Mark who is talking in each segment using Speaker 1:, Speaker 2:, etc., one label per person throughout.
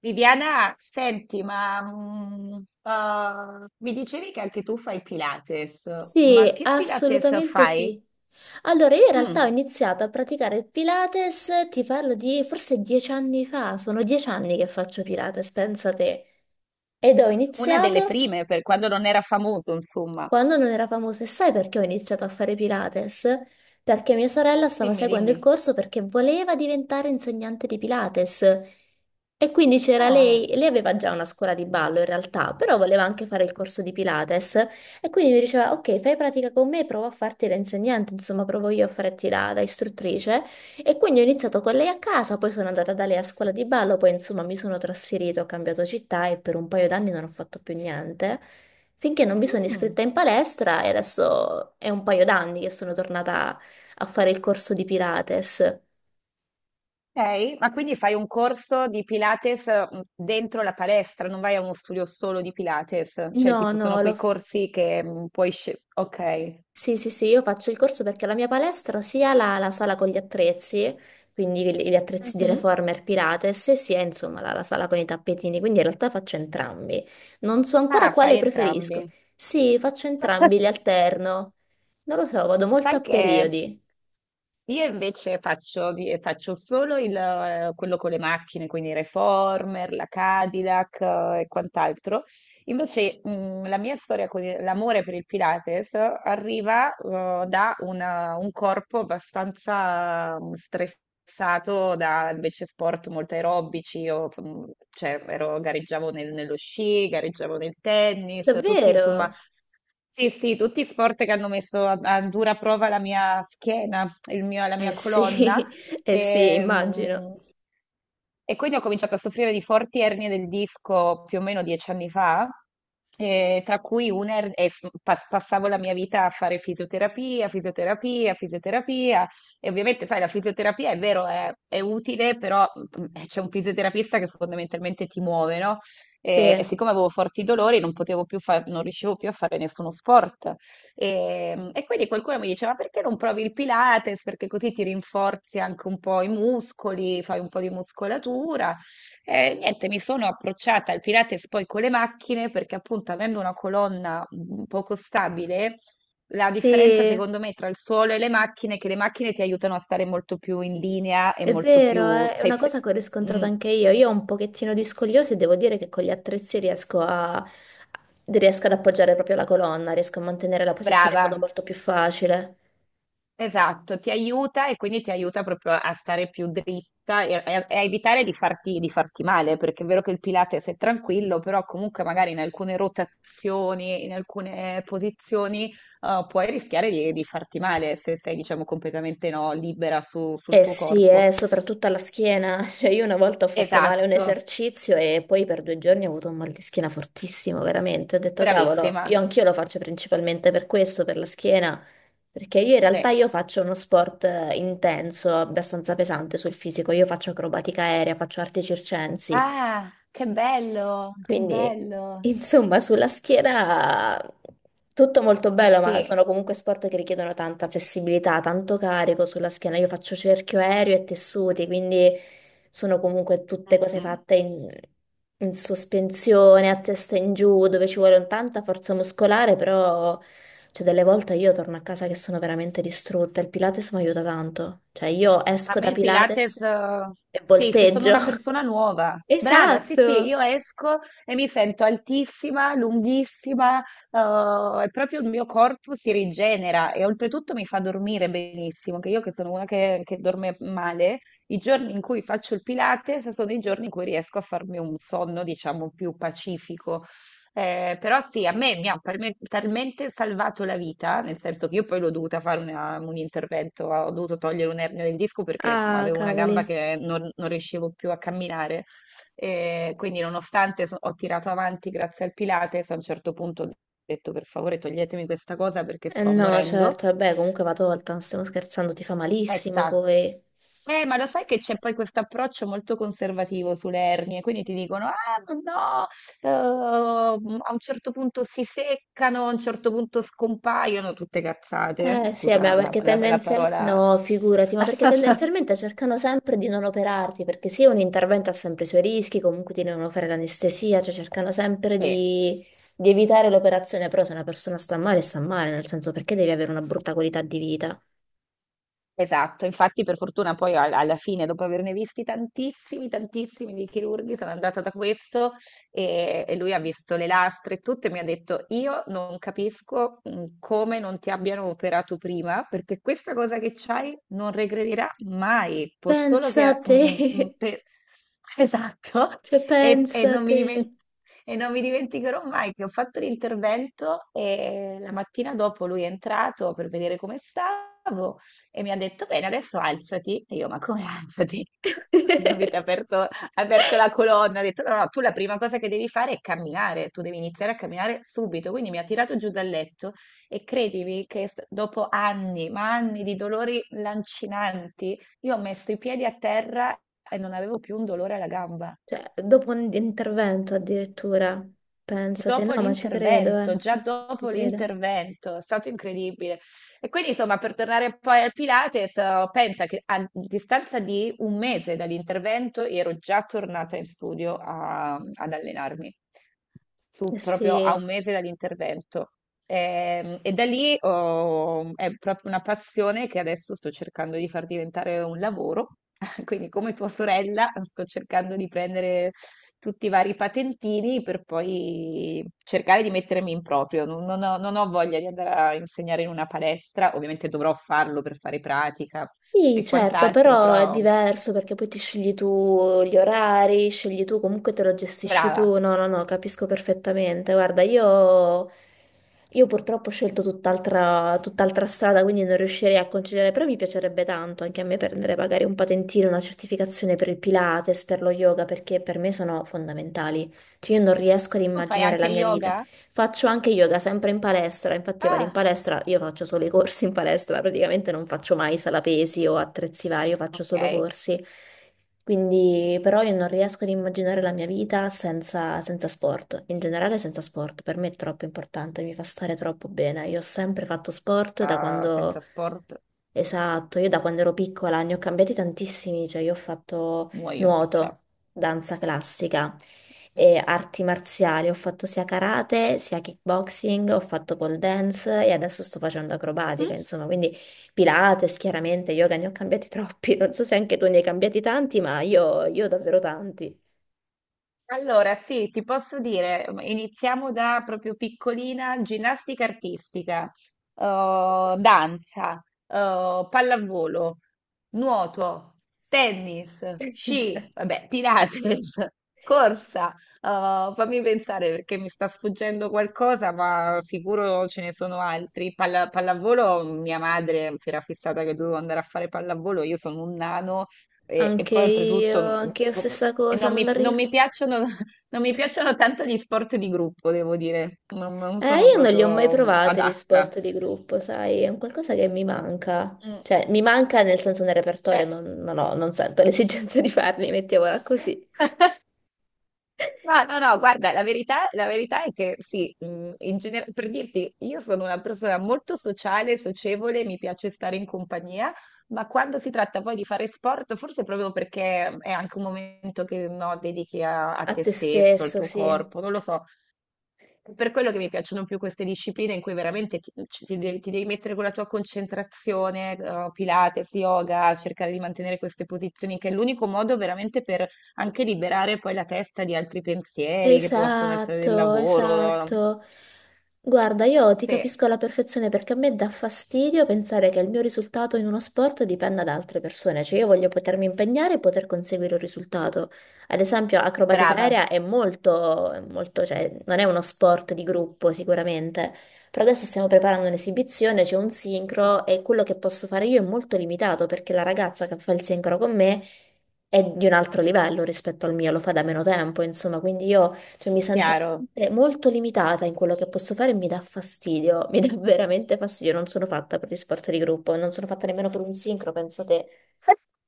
Speaker 1: Viviana, senti, ma mi dicevi che anche tu fai Pilates, ma
Speaker 2: Sì,
Speaker 1: che Pilates
Speaker 2: assolutamente
Speaker 1: fai?
Speaker 2: sì. Allora, io in realtà ho
Speaker 1: Mm,
Speaker 2: iniziato a praticare il Pilates, ti parlo di forse 10 anni fa, sono 10 anni che faccio Pilates, pensa te. Ed ho
Speaker 1: una delle
Speaker 2: iniziato
Speaker 1: prime, per quando non era famoso, insomma.
Speaker 2: quando non era famoso, e sai perché ho iniziato a fare Pilates? Perché mia sorella stava
Speaker 1: Dimmi,
Speaker 2: seguendo il
Speaker 1: dimmi.
Speaker 2: corso perché voleva diventare insegnante di Pilates. E quindi c'era lei,
Speaker 1: Ah,
Speaker 2: lei aveva già una scuola di ballo in realtà, però voleva anche fare il corso di Pilates. E quindi mi diceva, ok, fai pratica con me, provo a farti da insegnante, insomma, provo io a farti da istruttrice. E quindi ho iniziato con lei a casa, poi sono andata da lei a scuola di ballo, poi insomma mi sono trasferita, ho cambiato città e per un paio d'anni non ho fatto più niente. Finché non mi sono
Speaker 1: mm,
Speaker 2: iscritta in palestra e adesso è un paio d'anni che sono tornata a fare il corso di Pilates.
Speaker 1: ok, ma quindi fai un corso di Pilates dentro la palestra, non vai a uno studio solo di Pilates, cioè
Speaker 2: No,
Speaker 1: tipo sono
Speaker 2: no,
Speaker 1: quei
Speaker 2: lo...
Speaker 1: corsi che puoi scegliere. Ok.
Speaker 2: sì, sì, sì, io faccio il corso perché la mia palestra sia la sala con gli attrezzi, quindi gli attrezzi di
Speaker 1: Mhm.
Speaker 2: Reformer Pilates, e sia insomma la sala con i tappetini, quindi in realtà faccio entrambi. Non so ancora
Speaker 1: Ah,
Speaker 2: quale
Speaker 1: fai
Speaker 2: preferisco.
Speaker 1: entrambi.
Speaker 2: Sì, faccio entrambi, li alterno. Non lo so, vado molto a
Speaker 1: Sai che
Speaker 2: periodi.
Speaker 1: io invece faccio solo il, quello con le macchine, quindi Reformer, la Cadillac, e quant'altro. Invece, la mia storia con l'amore per il Pilates arriva, da un corpo abbastanza stressato da invece sport molto aerobici. Io, cioè, gareggiavo nello sci, gareggiavo nel tennis, tutti insomma.
Speaker 2: Davvero?
Speaker 1: Sì, sì, tutti sport che hanno messo a, a dura prova la mia schiena, la mia
Speaker 2: Eh
Speaker 1: colonna.
Speaker 2: sì, eh sì,
Speaker 1: E,
Speaker 2: immagino.
Speaker 1: mm, e quindi ho cominciato a soffrire di forti ernie del disco più o meno 10 anni fa, tra cui una er- e f- pa- passavo la mia vita a fare fisioterapia, fisioterapia, fisioterapia. E ovviamente, sai, la fisioterapia è vero, è utile, però c'è un fisioterapista che fondamentalmente ti muove, no?
Speaker 2: Sì,
Speaker 1: E siccome avevo forti dolori, non potevo più non riuscivo più a fare nessuno sport. E quindi qualcuno mi diceva: perché non provi il Pilates? Perché così ti rinforzi anche un po' i muscoli, fai un po' di muscolatura. E niente, mi sono approcciata al Pilates poi con le macchine, perché appunto avendo una colonna poco stabile, la differenza
Speaker 2: sì,
Speaker 1: secondo me tra il suolo e le macchine è che le macchine ti aiutano a stare molto più in linea e
Speaker 2: è
Speaker 1: molto
Speaker 2: vero,
Speaker 1: più.
Speaker 2: è una cosa che ho riscontrato
Speaker 1: Mm,
Speaker 2: anche io. Io ho un pochettino di scogliosi e devo dire che con gli attrezzi riesco a... riesco ad appoggiare proprio la colonna, riesco a mantenere la posizione in modo
Speaker 1: Brava.
Speaker 2: molto più facile.
Speaker 1: Esatto, ti aiuta e quindi ti aiuta proprio a stare più dritta e a evitare di farti male, perché è vero che il Pilates è tranquillo, però comunque magari in alcune rotazioni, in alcune posizioni, puoi rischiare di farti male se sei, diciamo, completamente no, libera sul
Speaker 2: Eh
Speaker 1: tuo
Speaker 2: sì,
Speaker 1: corpo.
Speaker 2: soprattutto alla schiena. Cioè, io una volta ho fatto male un
Speaker 1: Esatto,
Speaker 2: esercizio e poi per 2 giorni ho avuto un mal di schiena fortissimo, veramente. Ho detto, cavolo,
Speaker 1: bravissima.
Speaker 2: io anch'io lo faccio principalmente per questo, per la schiena, perché io in
Speaker 1: Sì.
Speaker 2: realtà io faccio uno sport intenso, abbastanza pesante sul fisico. Io faccio acrobatica aerea, faccio arti circensi.
Speaker 1: Ah, che bello, che
Speaker 2: Quindi,
Speaker 1: bello.
Speaker 2: insomma, sulla schiera tutto molto
Speaker 1: Eh
Speaker 2: bello, ma
Speaker 1: sì.
Speaker 2: sono comunque sport che richiedono tanta flessibilità, tanto carico sulla schiena. Io faccio cerchio aereo e tessuti, quindi sono comunque tutte
Speaker 1: Mm,
Speaker 2: cose
Speaker 1: mm.
Speaker 2: fatte in, in sospensione, a testa in giù, dove ci vuole un tanta forza muscolare, però cioè, delle volte io torno a casa che sono veramente distrutta. Il Pilates mi aiuta tanto. Cioè, io
Speaker 1: A
Speaker 2: esco
Speaker 1: me
Speaker 2: da
Speaker 1: il
Speaker 2: Pilates
Speaker 1: Pilates,
Speaker 2: e
Speaker 1: sì, che sono
Speaker 2: volteggio.
Speaker 1: una persona nuova. Brava, sì, sì,
Speaker 2: Esatto.
Speaker 1: io esco e mi sento altissima, lunghissima, e proprio il mio corpo si rigenera e oltretutto mi fa dormire benissimo, che io che sono una che dorme male, i giorni in cui faccio il Pilates sono i giorni in cui riesco a farmi un sonno, diciamo, più pacifico. Però sì, a me mi ha talmente salvato la vita, nel senso che io poi l'ho dovuta fare un intervento, ho dovuto togliere un ernio del disco perché
Speaker 2: Ah,
Speaker 1: avevo una gamba
Speaker 2: cavoli.
Speaker 1: che non riuscivo più a camminare. E quindi, nonostante ho tirato avanti grazie al Pilates, a un certo punto ho detto per favore toglietemi questa cosa perché
Speaker 2: Eh
Speaker 1: sto
Speaker 2: no,
Speaker 1: morendo.
Speaker 2: certo, vabbè, comunque va tolta, non stiamo scherzando, ti fa
Speaker 1: È
Speaker 2: malissimo
Speaker 1: stato
Speaker 2: poi.
Speaker 1: ma lo sai che c'è poi questo approccio molto conservativo sulle ernie, quindi ti dicono, ah, ma no, eh, a un certo punto si seccano, a un certo punto scompaiono, tutte cazzate.
Speaker 2: Eh sì, vabbè,
Speaker 1: Scusa la,
Speaker 2: perché
Speaker 1: la- la
Speaker 2: tendenzialmente...
Speaker 1: parola.
Speaker 2: No, figurati, ma perché tendenzialmente cercano sempre di non operarti, perché sì, un intervento ha sempre i suoi rischi, comunque ti devono fare l'anestesia, cioè cercano sempre
Speaker 1: Sì.
Speaker 2: di, evitare l'operazione, però se una persona sta male, nel senso perché devi avere una brutta qualità di vita?
Speaker 1: Esatto, infatti per fortuna poi alla fine, dopo averne visti tantissimi, tantissimi di chirurghi, sono andata da questo e lui ha visto le lastre e tutto e mi ha detto io non capisco come non ti abbiano operato prima perché questa cosa che c'hai non regredirà mai, può solo
Speaker 2: Pensa a
Speaker 1: che...
Speaker 2: te,
Speaker 1: mm, mm, per-" Esatto,
Speaker 2: cioè
Speaker 1: e, e
Speaker 2: pensa a
Speaker 1: non mi dimen-
Speaker 2: te.
Speaker 1: e non mi dimenticherò mai che ho fatto l'intervento e la mattina dopo lui è entrato per vedere come stava e mi ha detto, bene, adesso alzati. E io, ma come alzati? Mi avete aperto, la colonna, ha detto, no, no, tu la prima cosa che devi fare è camminare, tu devi iniziare a camminare subito. Quindi mi ha tirato giù dal letto e credimi che dopo anni, ma anni di dolori lancinanti, io ho messo i piedi a terra e non avevo più un dolore alla gamba.
Speaker 2: Cioè, dopo un intervento addirittura, pensate,
Speaker 1: Dopo
Speaker 2: no, ma ci credo,
Speaker 1: l'intervento, già
Speaker 2: ci
Speaker 1: dopo
Speaker 2: credo.
Speaker 1: l'intervento, è stato incredibile. E quindi, insomma, per tornare poi al Pilates, pensa che a distanza di un mese dall'intervento ero già tornata in studio ad allenarmi,
Speaker 2: Eh
Speaker 1: proprio a un
Speaker 2: sì.
Speaker 1: mese dall'intervento. E, da lì è proprio una passione che adesso sto cercando di far diventare un lavoro. Quindi, come tua sorella, sto cercando di prendere tutti i vari patentini per poi cercare di mettermi in proprio. Non ho voglia di andare a insegnare in una palestra, ovviamente dovrò farlo per fare pratica
Speaker 2: Sì,
Speaker 1: e
Speaker 2: certo,
Speaker 1: quant'altro,
Speaker 2: però è
Speaker 1: però
Speaker 2: diverso perché poi ti scegli tu gli orari, scegli tu, comunque te lo gestisci
Speaker 1: brava.
Speaker 2: tu. No, no, no, capisco perfettamente. Guarda, io purtroppo ho scelto tutt'altra strada, quindi non riuscirei a conciliare, però mi piacerebbe tanto anche a me prendere magari un patentino, una certificazione per il Pilates, per lo yoga, perché per me sono fondamentali. Cioè, io non riesco ad
Speaker 1: Tu fai
Speaker 2: immaginare la
Speaker 1: anche
Speaker 2: mia vita.
Speaker 1: yoga?
Speaker 2: Faccio anche yoga sempre in palestra, infatti io vado in
Speaker 1: Ah,
Speaker 2: palestra, io faccio solo i corsi in palestra, praticamente non faccio mai sala pesi o attrezzi vari, io faccio solo
Speaker 1: ok.
Speaker 2: corsi. Quindi però io non riesco ad immaginare la mia vita senza sport, in generale senza sport, per me è troppo importante, mi fa stare troppo bene. Io ho sempre fatto sport da
Speaker 1: Ah,
Speaker 2: quando...
Speaker 1: senza sport.
Speaker 2: Esatto, io da quando ero piccola ne ho cambiati tantissimi, cioè io ho fatto
Speaker 1: Muoio. Cioè.
Speaker 2: nuoto, danza classica e arti marziali. Ho fatto sia karate, sia kickboxing, ho fatto pole dance e adesso sto facendo acrobatica,
Speaker 1: Mhm.
Speaker 2: insomma, quindi Pilates, chiaramente, yoga ne ho cambiati troppi. Non so se anche tu ne hai cambiati tanti, ma io davvero tanti.
Speaker 1: Allora, sì, ti posso dire, iniziamo da proprio piccolina, ginnastica artistica, danza, pallavolo, nuoto, tennis,
Speaker 2: Cioè,
Speaker 1: sci, vabbè, Pilates, corsa. Fammi pensare perché mi sta sfuggendo qualcosa, ma sicuro ce ne sono altri. Pallavolo, mia madre si era fissata che dovevo andare a fare pallavolo, io sono un nano. E
Speaker 2: anche
Speaker 1: poi
Speaker 2: io,
Speaker 1: oltretutto
Speaker 2: anche io stessa
Speaker 1: e
Speaker 2: cosa,
Speaker 1: non
Speaker 2: non
Speaker 1: mi, non
Speaker 2: arrivo.
Speaker 1: mi piacciono, non mi piacciono tanto gli sport di gruppo, devo dire, non
Speaker 2: Eh,
Speaker 1: sono
Speaker 2: io non li ho mai
Speaker 1: proprio
Speaker 2: provati gli
Speaker 1: adatta.
Speaker 2: sport di gruppo, sai, è un qualcosa che mi manca.
Speaker 1: Mm,
Speaker 2: Cioè, mi manca nel senso nel repertorio,
Speaker 1: Cioè,
Speaker 2: non ho- non sento l'esigenza di farli, mettiamola così.
Speaker 1: no, no, no, guarda, la verità è che sì, per dirti, io sono una persona molto sociale, socievole, mi piace stare in compagnia, ma quando si tratta poi di fare sport, forse proprio perché è anche un momento che no, dedichi a
Speaker 2: A
Speaker 1: te
Speaker 2: te
Speaker 1: stesso, al
Speaker 2: stesso,
Speaker 1: tuo
Speaker 2: sì.
Speaker 1: corpo, non lo so. È per quello che mi piacciono più queste discipline in cui veramente ti devi mettere con la tua concentrazione, Pilates, yoga, cercare di mantenere queste posizioni, che è l'unico modo veramente per anche liberare poi la testa di altri pensieri che possono essere del
Speaker 2: Esatto,
Speaker 1: lavoro.
Speaker 2: esatto. Guarda, io ti
Speaker 1: Sì,
Speaker 2: capisco alla perfezione perché a me dà fastidio pensare che il mio risultato in uno sport dipenda da altre persone, cioè io voglio potermi impegnare e poter conseguire un risultato. Ad esempio, acrobatica
Speaker 1: brava,
Speaker 2: aerea è molto, cioè non è uno sport di gruppo sicuramente, però adesso stiamo preparando un'esibizione, c'è un sincro e quello che posso fare io è molto limitato perché la ragazza che fa il sincro con me è di un altro livello rispetto al mio, lo fa da meno tempo, insomma, quindi io cioè, mi sento
Speaker 1: chiaro.
Speaker 2: veramente molto limitata in quello che posso fare e mi dà fastidio, mi dà veramente fastidio, non sono fatta per gli sport di gruppo, non sono fatta nemmeno per un sincro, pensa te,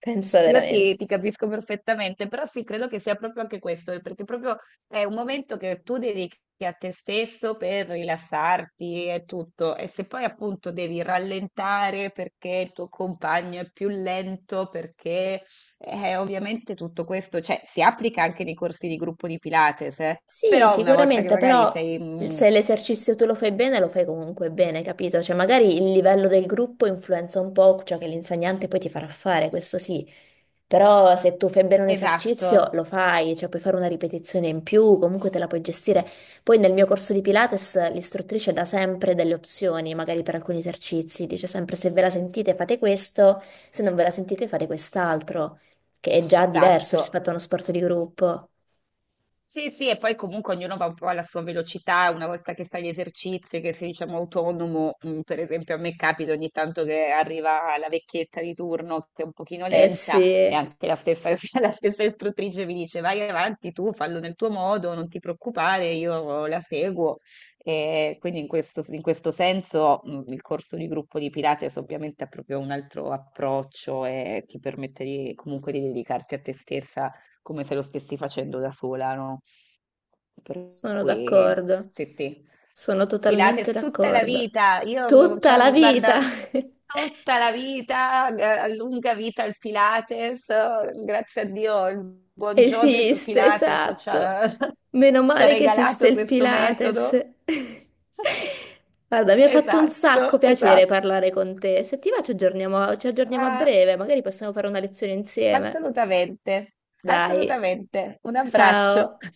Speaker 2: pensa
Speaker 1: Io
Speaker 2: veramente.
Speaker 1: ti capisco perfettamente, però sì, credo che sia proprio anche questo, perché proprio è un momento che tu dedichi a te stesso per rilassarti e tutto, e se poi appunto devi rallentare perché il tuo compagno è più lento, perché ovviamente tutto questo, cioè, si applica anche nei corsi di gruppo di Pilates,
Speaker 2: Sì,
Speaker 1: però una volta che
Speaker 2: sicuramente,
Speaker 1: magari
Speaker 2: però
Speaker 1: sei...
Speaker 2: se l'esercizio tu lo fai bene, lo fai comunque bene, capito? Cioè, magari il livello del gruppo influenza un po' ciò che l'insegnante poi ti farà fare, questo sì. Però se tu fai bene un
Speaker 1: esatto,
Speaker 2: esercizio lo fai, cioè puoi fare una ripetizione in più, comunque te la puoi gestire. Poi nel mio corso di Pilates l'istruttrice dà sempre delle opzioni, magari per alcuni esercizi, dice sempre se ve la sentite fate questo, se non ve la sentite fate quest'altro, che è già diverso
Speaker 1: esatto.
Speaker 2: rispetto a uno sport di gruppo.
Speaker 1: Sì, sì, e poi comunque ognuno va un po' alla sua velocità, una volta che sai gli esercizi, che sei diciamo autonomo, per esempio a me capita ogni tanto che arriva la vecchietta di turno che è un pochino
Speaker 2: Eh
Speaker 1: lenta e
Speaker 2: sì,
Speaker 1: anche la stessa, la stessa istruttrice mi dice vai avanti tu, fallo nel tuo modo, non ti preoccupare, io la seguo. E quindi in questo senso il corso di gruppo di Pilates ovviamente ha proprio un altro approccio e ti permette comunque di dedicarti a te stessa come se lo stessi facendo da sola, no? Per
Speaker 2: sono
Speaker 1: cui
Speaker 2: d'accordo,
Speaker 1: sì, sì.
Speaker 2: sono totalmente
Speaker 1: Pilates tutta la
Speaker 2: d'accordo.
Speaker 1: vita, io,
Speaker 2: Tutta
Speaker 1: cioè,
Speaker 2: la vita!
Speaker 1: guarda, tutta la vita, lunga vita al Pilates, grazie a Dio, il buon Joseph
Speaker 2: Esiste,
Speaker 1: Pilates ci
Speaker 2: esatto.
Speaker 1: ha,
Speaker 2: Meno
Speaker 1: ci ha
Speaker 2: male che esiste
Speaker 1: regalato
Speaker 2: il
Speaker 1: questo metodo.
Speaker 2: Pilates. Guarda, mi ha fatto un sacco
Speaker 1: Esatto,
Speaker 2: piacere
Speaker 1: esatto.
Speaker 2: parlare con te. Se ti va, ci aggiorniamo a
Speaker 1: Ah,
Speaker 2: breve, magari possiamo fare una lezione insieme.
Speaker 1: assolutamente,
Speaker 2: Dai,
Speaker 1: assolutamente. Un abbraccio.
Speaker 2: ciao.